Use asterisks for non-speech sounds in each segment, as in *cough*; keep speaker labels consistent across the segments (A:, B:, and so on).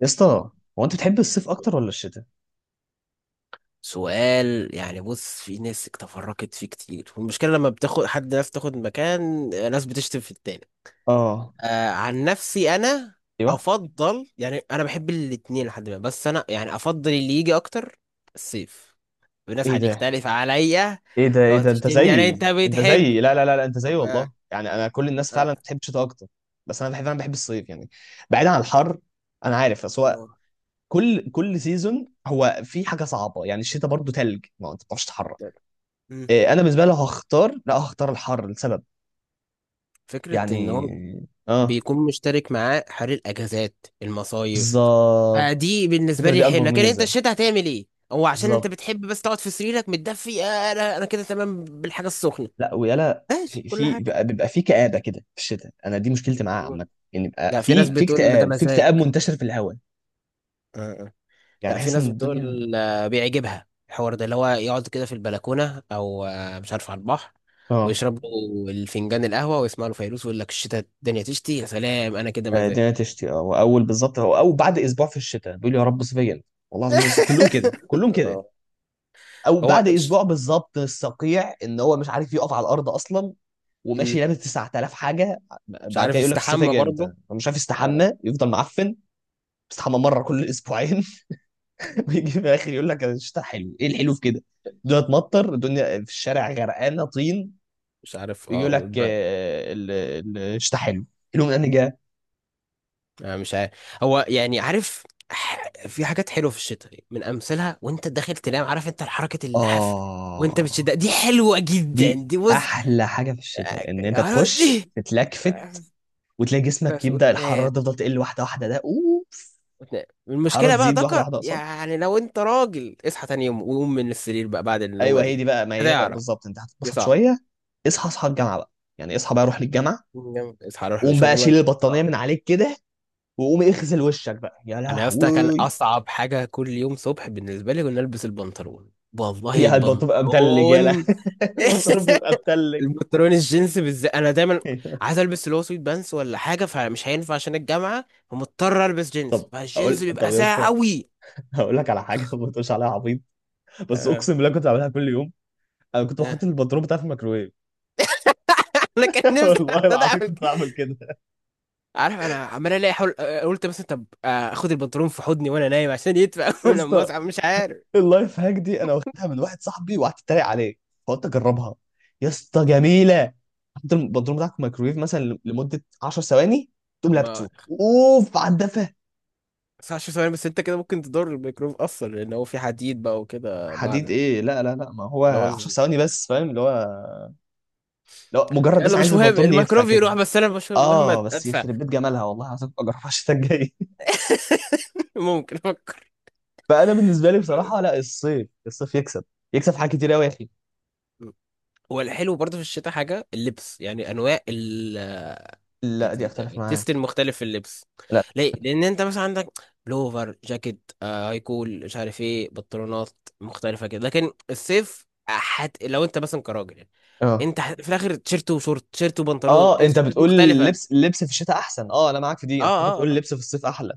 A: يا اسطى، هو انت بتحب الصيف اكتر ولا الشتاء؟
B: سؤال يعني بص، في ناس تفرقت فيه كتير، والمشكلة لما بتاخد حد ناس تاخد مكان، ناس بتشتم في التاني.
A: اه.
B: عن نفسي أنا
A: ايوه.
B: أفضل، يعني أنا بحب الاتنين لحد ما، بس أنا يعني أفضل اللي يجي أكتر، الصيف. الناس
A: ايه ده،
B: هتختلف عليا،
A: ايه ده، ايه
B: تقعد
A: ده، انت
B: تشتمني. يعني أنت
A: زيي، انت
B: بتحب؟
A: زيي، لا لا لا لا، انت زيي
B: طب
A: والله. يعني انا، كل الناس
B: آه
A: فعلا بتحب الشتاء اكتر، بس انا بحب الصيف يعني. بعيدا عن الحر، انا عارف، بس هو
B: لو-
A: كل سيزون هو في حاجه صعبه. يعني الشتاء برضو تلج، ما هو انت ما بتعرفش تتحرك.
B: مم.
A: إيه، انا بالنسبه لي لو هختار، لا هختار الحر لسبب،
B: فكرة إن
A: يعني،
B: هو
A: اه.
B: بيكون مشترك معاه حر، الأجازات، المصايف.
A: بالظبط،
B: دي بالنسبه
A: الفكره
B: لي
A: دي
B: الحلوه،
A: اكبر
B: لكن انت
A: ميزه،
B: الشتاء هتعمل ايه؟ هو عشان انت
A: بالظبط.
B: بتحب بس تقعد في سريرك متدفي. انا كده تمام بالحاجه السخنه.
A: لا ويلا،
B: ماشي
A: في
B: كل
A: في
B: حاجه.
A: بيبقى في كآبة كده في الشتاء، انا دي مشكلتي معاه عامة. ان يبقى
B: لا، في ناس
A: في
B: بتقول ده
A: اكتئاب، في
B: مزاج.
A: اكتئاب منتشر في الهواء،
B: آه، آه.
A: يعني
B: لا، في
A: بحس
B: ناس
A: ان الدنيا،
B: بتقول بيعجبها الحوار ده، اللي هو يقعد كده في البلكونه، او مش عارف، على البحر،
A: اه.
B: ويشرب له الفنجان القهوه، ويسمع له فيروز، ويقول لك الشتاء الدنيا تشتي يا سلام. انا كده
A: آه،
B: مزاج.
A: الدنيا تشتي. اه واول بالظبط، هو او بعد اسبوع في الشتاء بيقول يا رب صيفيا. والله العظيم بص، كلهم كده،
B: *laughs*
A: كلهم كده.
B: آه.
A: او
B: هو
A: بعد اسبوع بالظبط الصقيع، ان هو مش عارف يقف على الارض اصلا،
B: مم.
A: وماشي لابس 9000 حاجه.
B: مش
A: بعد كده
B: عارف
A: يقول لك الصيف
B: يستحمى
A: جاي
B: برضه.
A: امتى، هو مش عارف
B: آه،
A: يستحمى، يفضل معفن. بيستحمى مره كل اسبوعين. *laughs* ويجي في الاخر يقول لك الشتاء حلو. ايه الحلو في كده؟ الدنيا تمطر، الدنيا في الشارع غرقانه طين.
B: مش عارف.
A: يقول
B: اه
A: لك آه، الشتاء حلو. حلو من انهي جهه؟
B: أنا مش عارف. هو يعني عارف. في حاجات حلوه في الشتاء، من امثلها، وانت داخل تنام عارف انت حركه اللحاف وانت بتشد،
A: اه،
B: دي حلوه جدا
A: دي
B: دي، بص.
A: احلى حاجه في
B: آه،
A: الشتاء، ان انت تخش
B: دي. آه،
A: تتلكفت، وتلاقي جسمك
B: بس
A: يبدا الحراره
B: وتنام.
A: تفضل تقل واحده واحده، ده اوف.
B: وتنام
A: الحراره
B: المشكله بقى،
A: تزيد واحده
B: ذكر
A: واحده اقصد.
B: يعني لو انت راجل، اصحى تاني يوم وقوم من السرير بقى بعد النومه
A: ايوه، هي دي
B: دي.
A: بقى، ما هي بقى
B: هتعرف.
A: بالظبط، انت
B: دي
A: هتتبسط
B: صعب.
A: شويه. اصحى اصحى الجامعه بقى، يعني اصحى بقى، روح للجامعه.
B: اصحى روح
A: قوم بقى شيل
B: لشغلك.
A: البطانيه
B: صعب.
A: من عليك كده، وقوم اغسل وشك بقى، يا
B: انا يا اسطى كان
A: لهوي.
B: اصعب حاجه كل يوم صبح بالنسبه لي كنا البس البنطلون. والله
A: يا البطروخ بيبقى متلج، يالا.
B: البنطلون.
A: *laughs* البطروخ بيبقى
B: *laughs*
A: متلج.
B: البنطلون الجينز بالذات، انا دايما
A: *laughs* أيوة.
B: عايز البس اللي هو سويت بانس ولا حاجه، فمش هينفع عشان الجامعه، فمضطر البس جينز،
A: طب
B: فالجينز
A: اقول، طب
B: بيبقى
A: يا
B: ساقع
A: اسطى،
B: قوي.
A: هقول لك على حاجه ما تقولش عليها عبيط، بس
B: آه.
A: اقسم بالله كنت بعملها كل يوم. انا كنت بحط
B: آه.
A: البطروخ بتاعي في الميكروويف.
B: *laughs* انا كان
A: *laughs*
B: نفسي *laughs*
A: والله
B: أقعد
A: العظيم
B: اعمل
A: كنت
B: كده.
A: بعمل كده.
B: عارف انا عمال الاقي حول، قلت مثلا طب. اخد البنطلون في حضني وانا نايم عشان يدفى.
A: يا
B: *laughs* لما
A: اسطى،
B: اصحى مش عارف.
A: اللايف هاك دي انا واخدها من واحد صاحبي وقعدت اتريق عليه، فقلت اجربها. يا اسطى جميله. حط البطروخ بتاعك في الميكروويف مثلا لمده 10 ثواني، تقوم
B: اما
A: لابسه اوف على الدفه.
B: 19 ثواني، بس انت كده ممكن تضر الميكروب اصلا، لان هو في حديد بقى وكده
A: حديد
B: معدن.
A: ايه، لا لا لا، ما هو
B: اللي هو
A: 10 ثواني بس، فاهم اللي هو، لو مجرد بس
B: يلا،
A: عايز
B: مش مهم
A: البنطلون يدفع
B: الميكروب يروح،
A: كده.
B: بس انا مش مهم
A: اه بس
B: ادفع.
A: يخرب بيت جمالها والله، هتبقى اجربها الشتاء الجاي. *laughs*
B: *laughs* ممكن افكر.
A: فانا بالنسبه لي بصراحه لا، الصيف، يكسب. يكسب في حاجات كتير قوي يا اخي.
B: هو الحلو برضه في الشتاء حاجة اللبس، يعني أنواع
A: لا، دي اختلف
B: التيست
A: معاك.
B: المختلف في اللبس.
A: لا.
B: ليه؟ لأن أنت مثلا عندك بلوفر، جاكيت، هاي كول، مش عارف إيه، بنطلونات مختلفة كده. لكن الصيف لو أنت مثلا كراجل يعني،
A: اه
B: أنت في الآخر تيشيرت وشورت، تيشيرت وبنطلون،
A: اه، انت
B: التيشيرتات
A: بتقول
B: مختلفة.
A: اللبس في الشتاء احسن. اه، انا معاك في دي،
B: اه،
A: انا فكرتك
B: اه،
A: بتقول
B: آه.
A: اللبس في الصيف احلى.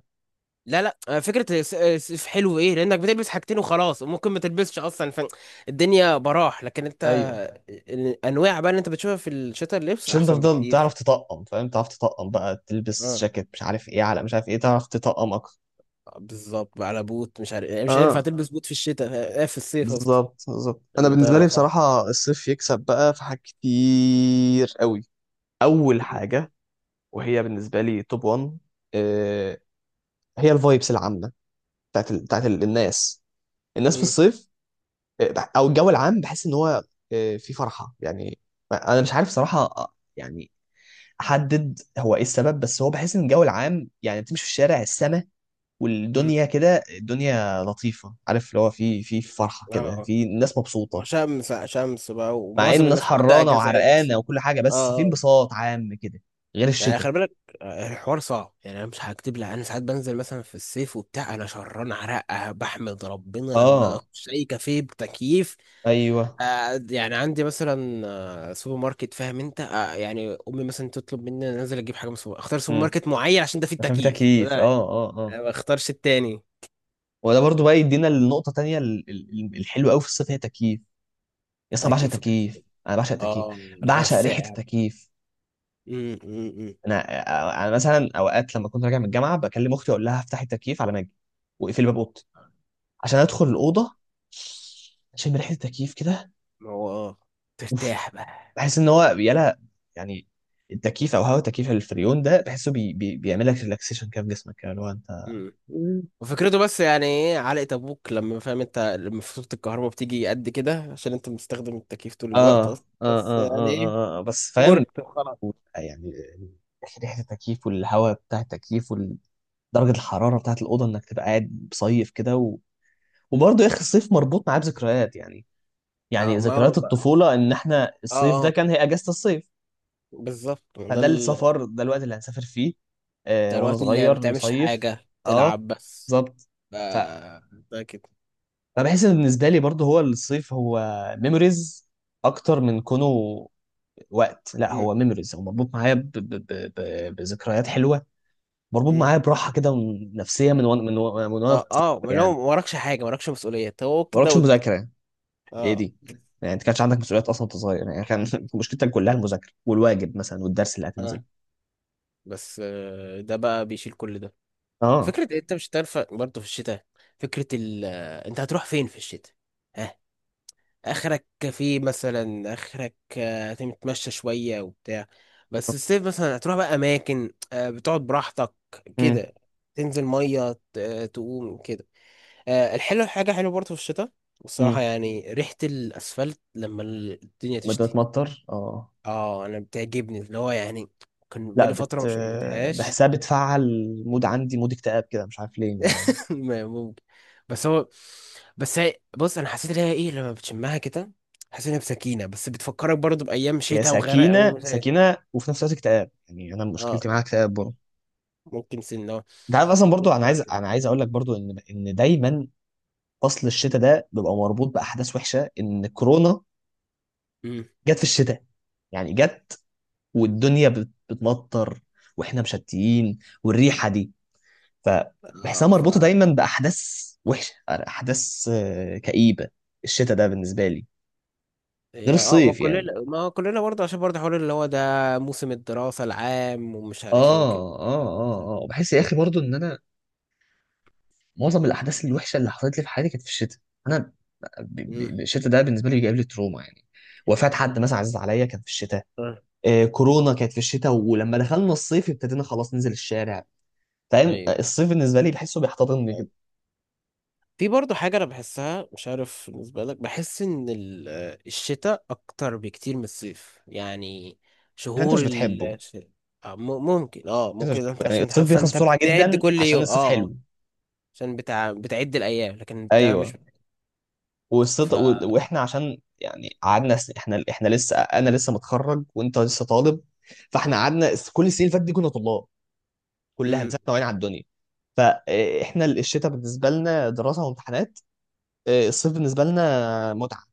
B: لا، لا، فكرة الصيف حلو، ايه لانك بتلبس حاجتين وخلاص، وممكن ما تلبسش اصلا، فالدنيا براح. لكن انت
A: ايوه،
B: الانواع بقى اللي انت بتشوفها في الشتاء، اللبس
A: مش انت
B: احسن
A: تفضل تعرف
B: بكتير.
A: تطقم، فاهم، تعرف تطقم بقى، تلبس
B: اه،
A: جاكيت مش عارف ايه على مش عارف ايه، تعرف تطقم اكتر.
B: بالظبط، على بوت مش عارف يعني، مش هينفع
A: اه.
B: تلبس بوت في الشتاء. في الصيف قصدي.
A: بالظبط بالظبط، انا
B: الموضوع
A: بالنسبه
B: يبقى
A: لي
B: صعب.
A: بصراحه الصيف يكسب بقى في حاجات كتير قوي. اول
B: م-
A: حاجه وهي بالنسبه لي توب 1، آه، هي الفايبس العامه بتاعت الناس، الناس في
B: م-
A: الصيف. آه، او الجو العام، بحس ان هو آه، في فرحه يعني. انا مش عارف صراحه، آه، يعني احدد هو ايه السبب، بس هو بحس ان الجو العام، يعني تمشي في الشارع، السما
B: م.
A: والدنيا كده، الدنيا لطيفه، عارف اللي هو في فرحه كده،
B: اه،
A: في ناس
B: هو
A: مبسوطه،
B: شمس شمس بقى،
A: مع ان
B: ومعظم
A: الناس
B: الناس واخدة
A: حرانه
B: اجازات.
A: وعرقانه وكل حاجه،
B: اه.
A: بس في
B: آه.
A: انبساط عام كده. غير
B: يعني
A: الشتاء.
B: خلي بالك، الحوار صعب يعني. انا مش هكتب لك، انا ساعات بنزل مثلا في الصيف وبتاع، انا شران عرقه بحمد ربنا لما
A: اه،
B: اخش اي كافيه بتكييف.
A: ايوه،
B: يعني عندي مثلا سوبر ماركت، فاهم انت؟ يعني امي مثلا تطلب مني أنا انزل اجيب حاجه من سوبر، اختار سوبر ماركت معين عشان ده فيه
A: عشان في
B: التكييف ولا
A: تكييف،
B: لا.
A: اه اه اه.
B: أنا ما اختارش التاني.
A: وده برضو بقى يدينا النقطة تانية، الحلوة قوي في الصيف، هي التكييف. يا اسطى، أنا بعشق
B: التكييف فكره.
A: التكييف، انا بعشق التكييف،
B: اه، الهواء
A: بعشق ريحة
B: الساقع.
A: التكييف.
B: امم، أمم، أمم.
A: انا انا مثلا اوقات لما كنت راجع من الجامعة، بكلم اختي اقول لها افتحي التكييف على ما اجي، واقفلي باب اوضتي، عشان ادخل الأوضة اشم ريحة التكييف كده.
B: ما هو اه،
A: اوف.
B: ترتاح بقى.
A: بحس ان هو يلا يعني، التكييف او هواء التكييف، الفريون ده بحسه بي بي بيعمل لك ريلاكسيشن كده في جسمك، كده اللي هو انت،
B: م- وفكرته، بس يعني ايه علقة ابوك لما فاهم انت لما فاتورة الكهرباء بتيجي قد كده عشان انت مستخدم التكييف طول
A: اه
B: الوقت
A: اه
B: اصلا،
A: اه
B: بس يعني
A: اه
B: ايه؟
A: اه، آه. بس فاهم
B: ورث. خلاص.
A: يعني، آه، ريحه التكييف، والهواء بتاع التكييف، ودرجه الحراره بتاعه الاوضه، انك تبقى قاعد مصيف كده وبرضه يا اخي الصيف مربوط معاه بذكريات، يعني يعني
B: اه، ما هو
A: ذكريات الطفوله، ان احنا
B: اه،
A: الصيف ده
B: اه،
A: كان هي اجازه الصيف،
B: بالظبط. ده
A: فده السفر، ده الوقت اللي هنسافر فيه، آه
B: ده
A: وانا
B: الوقت اللي ما
A: صغير
B: بتعملش
A: نصيف.
B: حاجة،
A: اه
B: تلعب بس.
A: بالظبط.
B: ف-
A: ف-
B: ده كده.
A: فبحس ان بالنسبه لي برضه، هو الصيف هو ميموريز اكتر من كونه وقت. لا
B: مم.
A: هو ميموريز، هو مربوط معايا بذكريات حلوه. مربوط
B: مم.
A: معايا براحه كده، نفسيه، من وانا في
B: اه،
A: الطفولة
B: اه، ما لو
A: يعني.
B: ما وراكش حاجة، ما وراكش مسؤولية، هو
A: ما
B: كده
A: وراكش
B: وده.
A: مذاكره. ايه
B: اه،
A: دي، يعني انت كانش عندك مسؤوليات اصلا وانت صغير، يعني كان *laughs* مشكلتك كلها المذاكره والواجب مثلا والدرس اللي
B: اه،
A: هتنزله.
B: بس ده بقى بيشيل كل ده.
A: اه.
B: فكرة إيه؟ انت مش هتنفع برضه في الشتاء. فكرة ال آه، انت هتروح فين في الشتاء؟ ها؟ اخرك كافيه مثلا، اخرك هتتمشى شوية وبتاع. بس الصيف مثلا هتروح بقى اماكن، بتقعد براحتك
A: امم،
B: كده، تنزل مية تقوم كده. الحلو حاجة حلوة برضه في الشتاء، والصراحة
A: امم.
B: يعني ريحة الاسفلت لما الدنيا
A: لما
B: تشتي.
A: بتمطر اه.
B: اه، انا بتعجبني اللي هو يعني، كان
A: لا،
B: بقالي فترة ما شمتهاش.
A: بحسها بتفعل مود، عندي مود اكتئاب كده، مش عارف ليه يعني.
B: *laughs* ممكن. بس هو بس هي، بص، انا حسيت ان هي ايه لما بتشمها كده. حسيت ان هي بسكينه، بس بتفكرك برضو بايام
A: هي
B: شتاء وغرق،
A: سكينه
B: و
A: سكينه، وفي نفس الوقت اكتئاب، يعني انا مشكلتي
B: اه
A: معاها اكتئاب برضه.
B: ممكن سنه
A: انت عارف اصلا برضه،
B: تطلع كده.
A: انا عايز اقول لك برضه ان دايما فصل الشتاء ده بيبقى مربوط باحداث وحشه، ان كورونا
B: امم
A: جت في الشتاء، يعني جت والدنيا بتمطر، واحنا مشتيين، والريحه دي، فبحسها
B: اه ف
A: مربوطه دايما باحداث وحشه، احداث آه، كئيبه. الشتاء ده بالنسبه لي غير
B: هي، ما
A: الصيف يعني.
B: كلنا، ما كلنا برضه، عشان برضه حوار اللي هو ده، موسم الدراسه العام، ومش عارف ايه وكده.
A: اه اه اه اه، بحس يا اخي برضو ان انا معظم الاحداث الوحشه اللي حصلت لي في حياتي كانت في الشتاء. انا
B: امم
A: الشتاء ده بالنسبه لي جايب لي تروما يعني. وفاة حد مثلا عزيز عليا كان في الشتاء، آه كورونا كانت في الشتاء، ولما دخلنا الصيف ابتدينا خلاص ننزل الشارع. فاهم،
B: ايوه.
A: الصيف بالنسبه لي بحسه بيحتضنني كده.
B: في برضه حاجة أنا بحسها، مش عارف بالنسبة لك، بحس إن الشتاء أكتر بكتير من الصيف يعني.
A: عشان انت مش
B: شهور ال
A: بتحبه.
B: الش- آه، م- ممكن. اه
A: انت مش
B: ممكن انت
A: بتحبه. يعني
B: عشان تحب
A: الصيف بيخلص
B: فانت
A: بسرعه
B: بتعد
A: جدا
B: كل
A: عشان
B: يوم. اه.
A: الصيف
B: آه،
A: حلو.
B: عشان بتعد الأيام، لكن انت مش
A: ايوه،
B: ف
A: والصيف واحنا عشان يعني قعدنا احنا لسه، انا لسه متخرج وانت لسه طالب، فاحنا قعدنا كل السنين اللي فاتت دي كنا طلاب، كلها من
B: مم.
A: سنه وعين على الدنيا. فاحنا الشتاء بالنسبه لنا دراسه وامتحانات، اه، الصيف بالنسبه لنا متعه.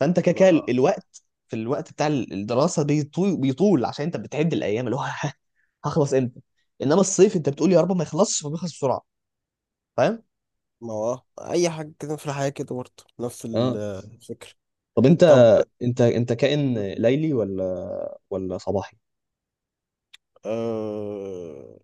A: فانت كده
B: ما
A: كده،
B: آه.
A: في الوقت بتاع الدراسه بيطول بيطول، عشان انت بتعد الايام اللي هو *laughs* هخلص امتى. انما الصيف انت بتقول يا رب ما يخلصش، فبيخلص بسرعه، فاهم.
B: ما هو اي حاجه كده في الحياه كده برضه، نفس
A: اه.
B: الفكره.
A: طب انت،
B: طب،
A: انت كائن ليلي ولا صباحي؟
B: أه...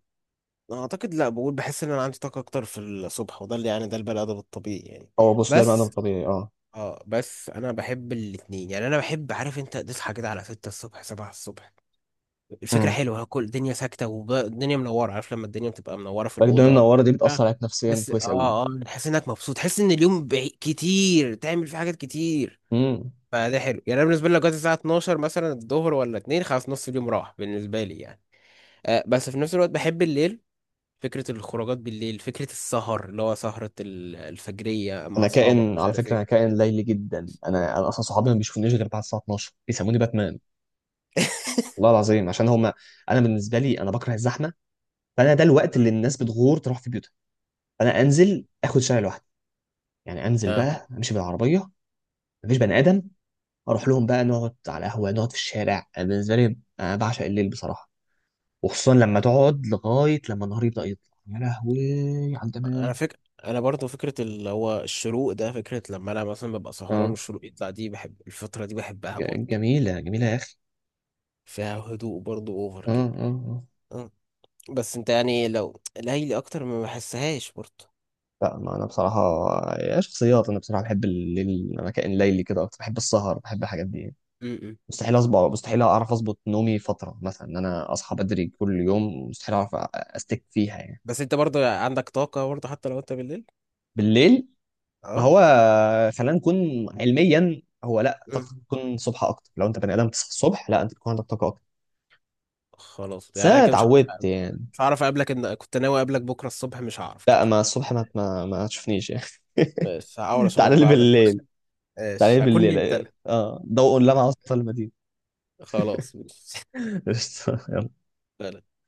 B: أنا اعتقد لا، بقول بحس ان انا عندي طاقه اكتر في الصبح، وده اللي يعني، ده البني ادم الطبيعي يعني.
A: اه بص، ده المعنى
B: بس
A: الطبيعي، اه.
B: اه بس انا بحب الاتنين يعني. انا بحب عارف انت تصحى كده على 6 الصبح، 7 الصبح. الفكره
A: امم.
B: حلوه، كل الدنيا ساكته والدنيا منوره، عارف لما الدنيا بتبقى منوره في
A: الدنيا
B: الاوضه ولا
A: المنوره دي بتاثر
B: حاجه.
A: عليك نفسيا
B: تحس
A: كويس قوي.
B: اه اه تحس انك مبسوط، تحس ان اليوم كتير تعمل فيه حاجات كتير.
A: امم.
B: فده حلو يعني. انا بالنسبه لي لو جت الساعه 12 مثلا الظهر، ولا 2، خلاص نص اليوم راح بالنسبه لي يعني. بس في نفس الوقت بحب الليل، فكره الخروجات بالليل، فكره السهر اللي هو سهره الفجريه مع
A: انا
B: اصحابك
A: كائن
B: مش
A: على
B: عارف
A: فكره،
B: ايه.
A: انا كائن ليلي جدا، انا اصلا صحابي ما بيشوفونيش غير بعد الساعه 12، بيسموني باتمان. والله
B: *laughs*
A: العظيم عشان هم، انا بالنسبه لي انا بكره الزحمه، فانا ده الوقت اللي الناس بتغور تروح في بيوتها، فانا انزل اخد شارع لوحدي، يعني انزل
B: آه.
A: بقى امشي بالعربيه، مفيش بني ادم، اروح لهم بقى نقعد على قهوه، نقعد في الشارع. أنا بالنسبه لي انا بعشق الليل بصراحه، وخصوصا لما تقعد لغايه لما النهار يبدا يطلع، يا لهوي على الجمال.
B: انا برضو فكره اللي هو الشروق ده، فكره لما انا مثلا ببقى سهران
A: اه
B: والشروق يطلع دي، بحب الفتره دي، بحبها برضو.
A: جميله جميله يا اخي.
B: فيها هدوء برضو اوفر
A: اه
B: كده.
A: اه اه.
B: أه. بس انت يعني لو ليلي اكتر ما بحسهاش برضو.
A: لا، ما انا بصراحه يا شخصيات، انا بصراحه بحب الليل، انا كائن ليلي كده اكتر، بحب السهر، بحب الحاجات دي.
B: م-م.
A: مستحيل اعرف اظبط نومي فتره مثلا، ان انا اصحى بدري كل يوم مستحيل، اعرف استك فيها يعني.
B: بس انت برضو عندك طاقه برضو حتى لو انت بالليل.
A: بالليل، ما
B: اه.
A: هو خلينا نكون علميا، هو لا،
B: م.
A: طاقتك بتكون الصبح اكتر، لو انت بني ادم تصحى الصبح، لا انت بتكون عندك طاقه اكتر.
B: خلاص
A: بس
B: يعني، انا
A: انا
B: كده مش عارف.
A: اتعودت يعني.
B: مش هعرف اقابلك ان كنت ناوي اقابلك بكره الصبح، مش هعرف
A: لا
B: كده.
A: ما الصبح، ما تشوفنيش يعني.
B: بس هحاول
A: *laughs*
B: اشوفك
A: تعالى لي
B: بعد المغرب.
A: بالليل، تعالى
B: ماشي،
A: لي
B: هكون نمت
A: بالليل،
B: انا.
A: اه ضوء لمع وسط المدينه.
B: خلاص ماشي.
A: *laughs* قشطة. يلا
B: *laughs*